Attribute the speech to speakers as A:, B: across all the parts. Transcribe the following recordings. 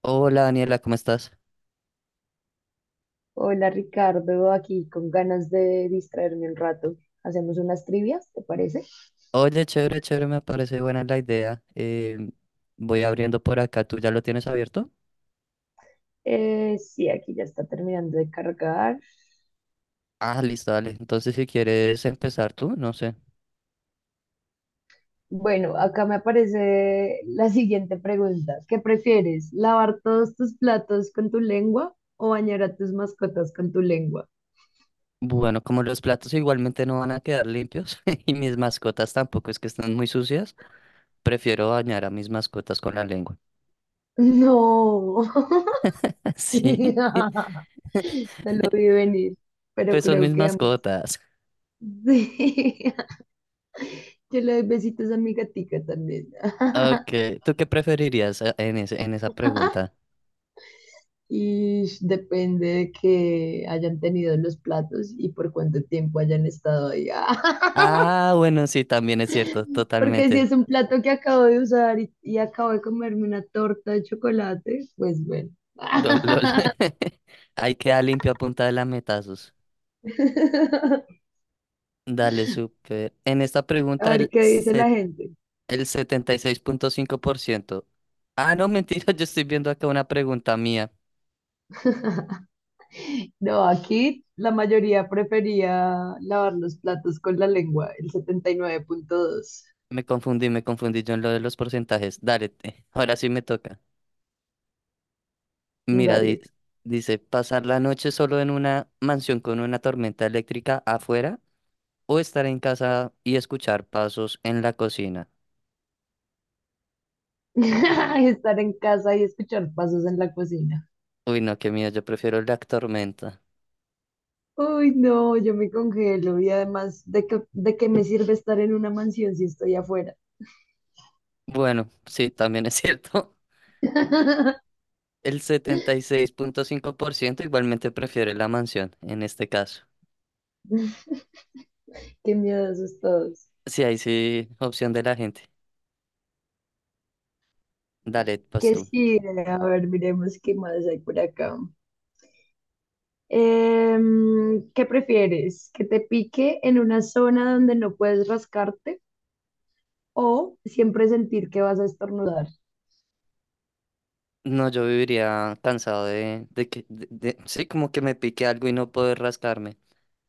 A: Hola Daniela, ¿cómo estás?
B: Hola Ricardo, aquí con ganas de distraerme un rato. Hacemos unas trivias, ¿te parece?
A: Oye, chévere, chévere, me parece buena la idea. Voy abriendo por acá, ¿tú ya lo tienes abierto?
B: Sí, aquí ya está terminando de cargar.
A: Ah, listo, dale. Entonces, si quieres empezar tú, no sé.
B: Bueno, acá me aparece la siguiente pregunta. ¿Qué prefieres? ¿Lavar todos tus platos con tu lengua o bañar a tus mascotas con tu lengua?
A: Bueno, como los platos igualmente no van a quedar limpios y mis mascotas tampoco es que están muy sucias, prefiero bañar a mis mascotas con la lengua.
B: No,
A: Sí,
B: no lo vi venir, pero
A: pues son
B: creo
A: mis
B: que ambas.
A: mascotas.
B: Sí, yo le doy besitos a mi gatica también.
A: Ok, ¿tú qué preferirías en en esa pregunta?
B: Y depende de que hayan tenido los platos y por cuánto tiempo hayan estado ahí.
A: Ah, bueno, sí, también es cierto,
B: Porque si
A: totalmente.
B: es un plato que acabo de usar y acabo de comerme una torta de chocolate, pues bueno.
A: Lol, lol. Hay que dar limpio a punta de lametazos. Dale, súper. En esta
B: A
A: pregunta,
B: ver qué dice la gente.
A: el 76,5%. Ah, no, mentira, yo estoy viendo acá una pregunta mía.
B: No, aquí la mayoría prefería lavar los platos con la lengua, el 79.2.
A: Me confundí yo en lo de los porcentajes. Dale, ahora sí me toca. Mira,
B: Dale.
A: dice, ¿pasar la noche solo en una mansión con una tormenta eléctrica afuera o estar en casa y escuchar pasos en la cocina?
B: Estar en casa y escuchar pasos en la cocina.
A: Uy, no, qué miedo, yo prefiero la tormenta.
B: Uy, no, yo me congelo y además, ¿de qué me sirve estar en una mansión si estoy afuera?
A: Bueno, sí, también es cierto. El 76,5% igualmente prefiere la mansión, en este caso.
B: Qué miedo asustados.
A: Sí, ahí sí, opción de la gente. Dale, pues
B: Que
A: tú.
B: sí, a ver, miremos qué más hay por acá. ¿Qué prefieres? ¿Que te pique en una zona donde no puedes rascarte o siempre sentir que vas a estornudar?
A: No, yo viviría cansado de sí, como que me pique algo y no poder rascarme.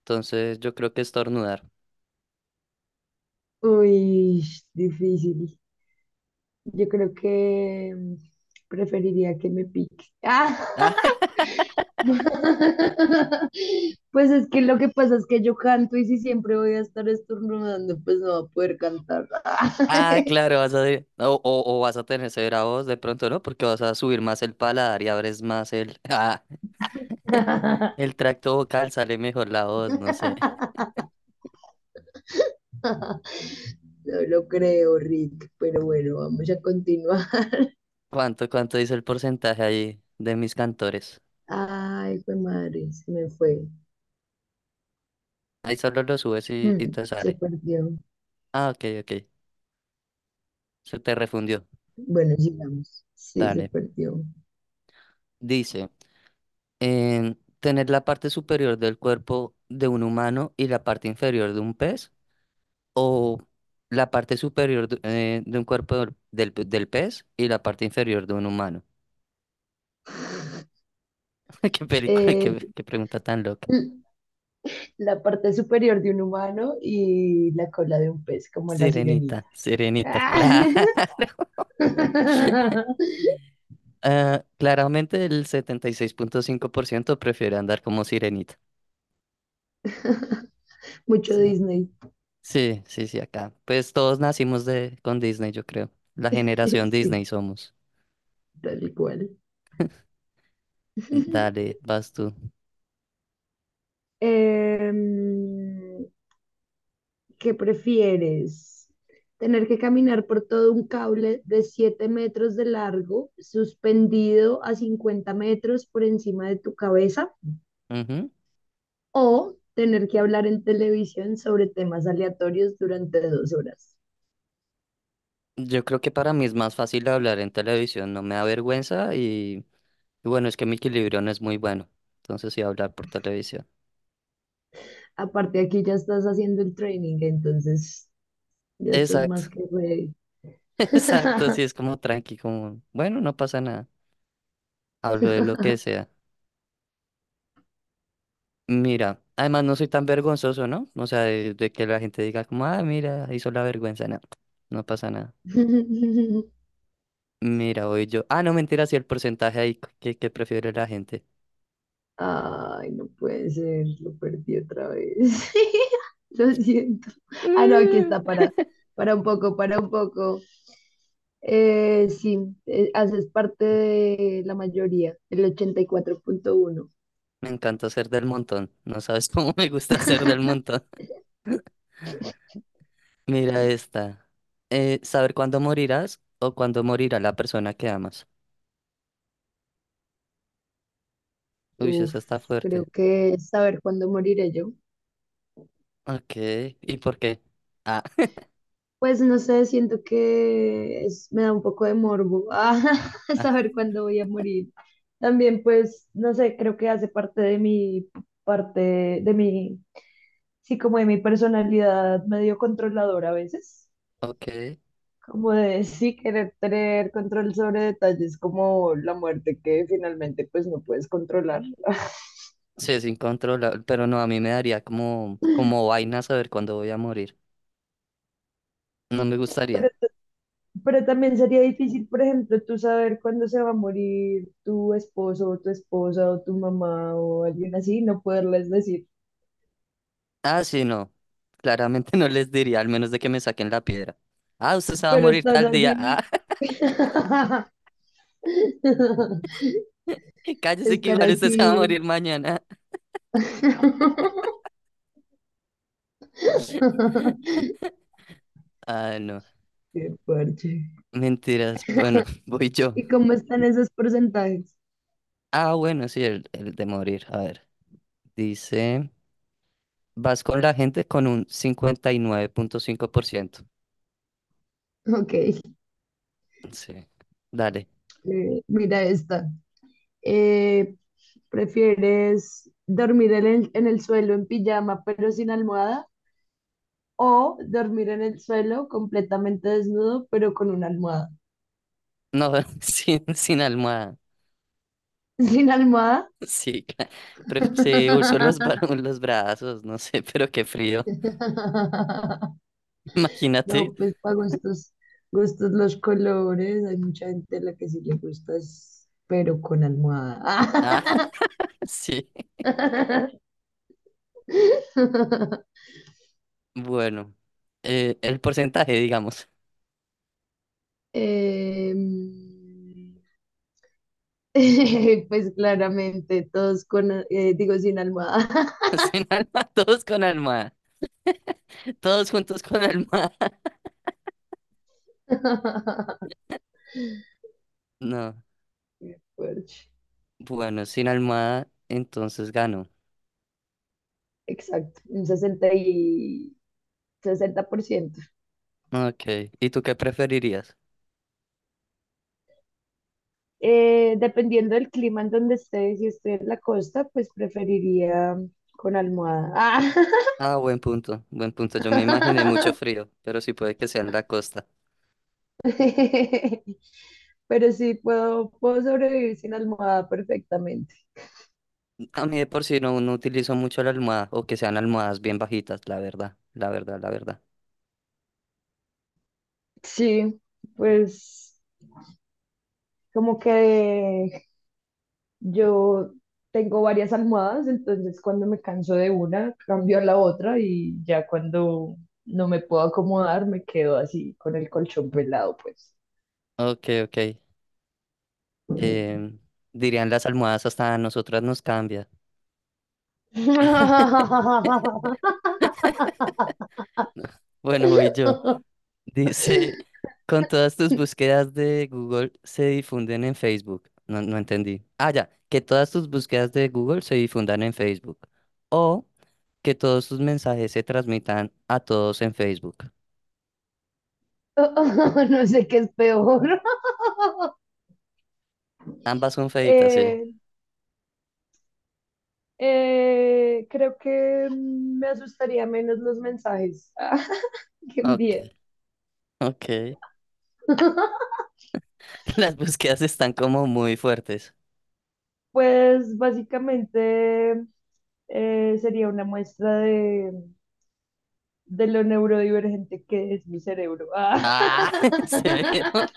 A: Entonces, yo creo que estornudar.
B: Uy, difícil. Yo creo que preferiría que me pique. Ah, pues es que lo que pasa es que yo canto y si siempre voy a estar estornudando, pues no va a poder cantar.
A: Ah, ah, claro, vas a, o vas a tener severa voz de pronto, ¿no? Porque vas a subir más el paladar y abres más el, ah, el tracto vocal, sale mejor la voz, no sé.
B: No lo creo, Rick, pero bueno, vamos a continuar.
A: ¿Cuánto, cuánto dice el porcentaje ahí de mis cantores?
B: Ay, fue madre, se me fue.
A: Ahí solo lo subes y te
B: Se
A: sale.
B: perdió.
A: Ah, ok, ok. Se te refundió.
B: Bueno, sigamos. Sí, se
A: Dale.
B: perdió.
A: Dice, tener la parte superior del cuerpo de un humano y la parte inferior de un pez, o la parte superior de un cuerpo del pez y la parte inferior de un humano. Qué película,
B: Eh,
A: qué, qué pregunta tan loca.
B: mm, la parte superior de un humano y la cola de un pez, como la sirenita.
A: Sirenita, sirenita,
B: Ah.
A: claro. Ah, claramente el 76.5% prefiere andar como sirenita.
B: Mucho
A: Sí,
B: Disney.
A: sí, sí, sí, acá. Pues todos nacimos de, con Disney, yo creo. La generación
B: Sí,
A: Disney somos.
B: tal y cual.
A: Dale, vas tú.
B: Em, ¿Qué prefieres? ¿Tener que caminar por todo un cable de 7 metros de largo, suspendido a 50 metros por encima de tu cabeza?
A: Ujú.
B: ¿O tener que hablar en televisión sobre temas aleatorios durante 2 horas?
A: Yo creo que para mí es más fácil hablar en televisión, no me da vergüenza y bueno, es que mi equilibrio no es muy bueno. Entonces sí, hablar por televisión.
B: Aparte, aquí ya estás haciendo el training, entonces ya estás más
A: Exacto,
B: que ready.
A: exacto, sí, es como tranqui, como, bueno, no pasa nada. Hablo de lo que sea. Mira, además no soy tan vergonzoso, ¿no? O sea, de que la gente diga como, ah, mira, hizo la vergüenza, no, no pasa nada. Mira, voy yo. Ah, no, mentira, sí, el porcentaje ahí que prefiere la gente.
B: Ay, no puede ser, lo perdí otra vez. Lo siento. Ah, no, aquí está, para un poco, para un poco. Sí, haces parte de la mayoría, el 84.1.
A: Me encanta ser del montón. No sabes cómo me gusta ser del montón. Mira esta. Saber cuándo morirás o cuándo morirá la persona que amas. Uy,
B: Uf,
A: esa está
B: creo
A: fuerte.
B: que es saber cuándo moriré yo.
A: Ok, ¿y por qué? Ah,
B: Pues no sé, siento que me da un poco de morbo ah,
A: ah,
B: saber cuándo voy a morir. También, pues, no sé, creo que hace parte, de mi, sí, como de mi personalidad medio controladora a veces,
A: ok.
B: como de sí querer tener control sobre detalles como la muerte que finalmente pues no puedes controlar.
A: Sí, es incontrolable, pero no, a mí me daría como, como vaina saber cuándo voy a morir. No me gustaría.
B: Pero también sería difícil, por ejemplo, tú saber cuándo se va a morir tu esposo o tu esposa o tu mamá o alguien así, no poderles decir,
A: Ah, sí, no. Claramente no les diría, al menos de que me saquen la piedra. Ah, usted se va a
B: pero
A: morir
B: estás
A: tal día.
B: así.
A: Ah, cállese que
B: Estar
A: igual usted se va a
B: así.
A: morir mañana. Ah, no.
B: Qué fuerte.
A: Mentiras. Bueno, voy yo.
B: ¿Y cómo están esos porcentajes?
A: Ah, bueno, sí, el de morir. A ver. Dice, vas con la gente con un 59,5%.
B: Ok,
A: Sí. Dale.
B: mira esta. Eh, ¿Prefieres dormir en el suelo en pijama pero sin almohada? O dormir en el suelo completamente desnudo, pero con una almohada.
A: No, sin almohada.
B: Sin almohada,
A: Sí, claro. Sí, uso los, los brazos, no sé, pero qué frío. Imagínate.
B: no, pues para gustos, gustos los colores. Hay mucha gente a la que sí le gusta, pero con
A: Ah.
B: almohada.
A: Sí, bueno, el porcentaje, digamos.
B: Em, pues claramente, todos con, digo, sin almohada.
A: Sin alma, todos con alma, todos juntos con alma. No,
B: Qué fuerte.
A: bueno, sin alma, entonces gano.
B: Exacto, un 60 y... 60%.
A: Ok, ¿y tú qué preferirías?
B: Dependiendo del clima en donde esté, si estoy en la costa, pues preferiría con almohada. Ah.
A: Ah, buen punto, buen punto. Yo me imaginé mucho frío, pero sí puede que sea en la costa.
B: Pero sí, puedo sobrevivir sin almohada perfectamente.
A: A mí de por sí no, no utilizo mucho la almohada o que sean almohadas bien bajitas, la verdad, la verdad, la verdad.
B: Sí, pues como que yo tengo varias almohadas, entonces cuando me canso de una, cambio a la otra y ya cuando no me puedo acomodar, me quedo así con el colchón pelado, pues.
A: Ok, ok. em, Dirían las almohadas hasta a nosotras nos cambia. Bueno, voy yo. Dice, con todas tus búsquedas de Google se difunden en Facebook. No, no entendí. Ah, ya, que todas tus búsquedas de Google se difundan en Facebook. O que todos tus mensajes se transmitan a todos en Facebook.
B: No sé qué es peor.
A: Ambas son feitas, sí.
B: Eh, creo que me asustaría menos los mensajes que
A: Ok,
B: envié.
A: ok. Las búsquedas están como muy fuertes.
B: Pues básicamente sería una muestra de lo neurodivergente que es mi cerebro. Ah,
A: Ah, severo.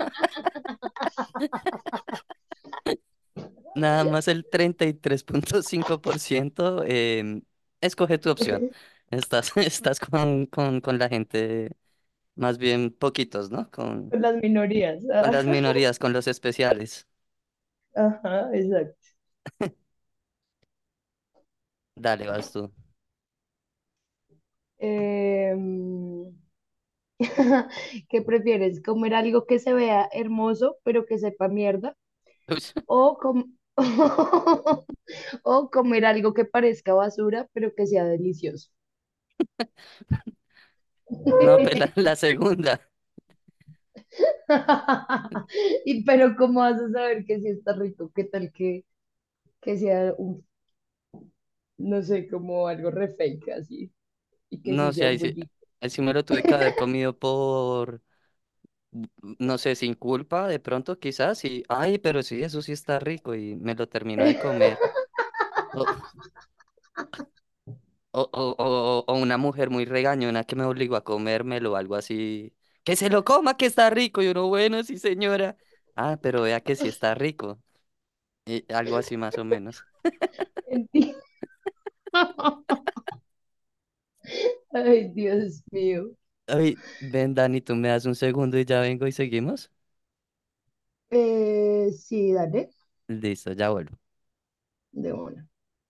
A: Nada más el 33.5% escoge tu opción. Estás, estás con, con la gente. Más bien poquitos, ¿no?
B: con las minorías.
A: Con las minorías, con los especiales.
B: Ah, ajá, exacto.
A: Dale, vas tú.
B: Em, ¿Qué prefieres? ¿Comer algo que se vea hermoso pero que sepa mierda?
A: Uy,
B: ¿O, com- o comer algo que parezca basura pero que sea delicioso?
A: no, pero la segunda.
B: Y pero ¿cómo vas a saber que sí está rico? ¿Qué tal que sea un, no sé, como algo re fake así? Y que
A: No
B: sí
A: sé,
B: sea un bullito.
A: ahí sí me lo tuve que haber comido por, no sé, sin culpa, de pronto quizás, y, ay, pero sí, eso sí está rico, y me lo terminó de comer. O, o una mujer muy regañona que me obligó a comérmelo, algo así. Que se lo coma, que está rico, y uno, bueno, sí, señora. Ah, pero vea que sí está rico. Y algo así más o menos.
B: Enti- Ay, Dios mío.
A: Ay, ven, Dani, tú me das un segundo y ya vengo y seguimos.
B: Sí, dale,
A: Listo, ya vuelvo.
B: de una.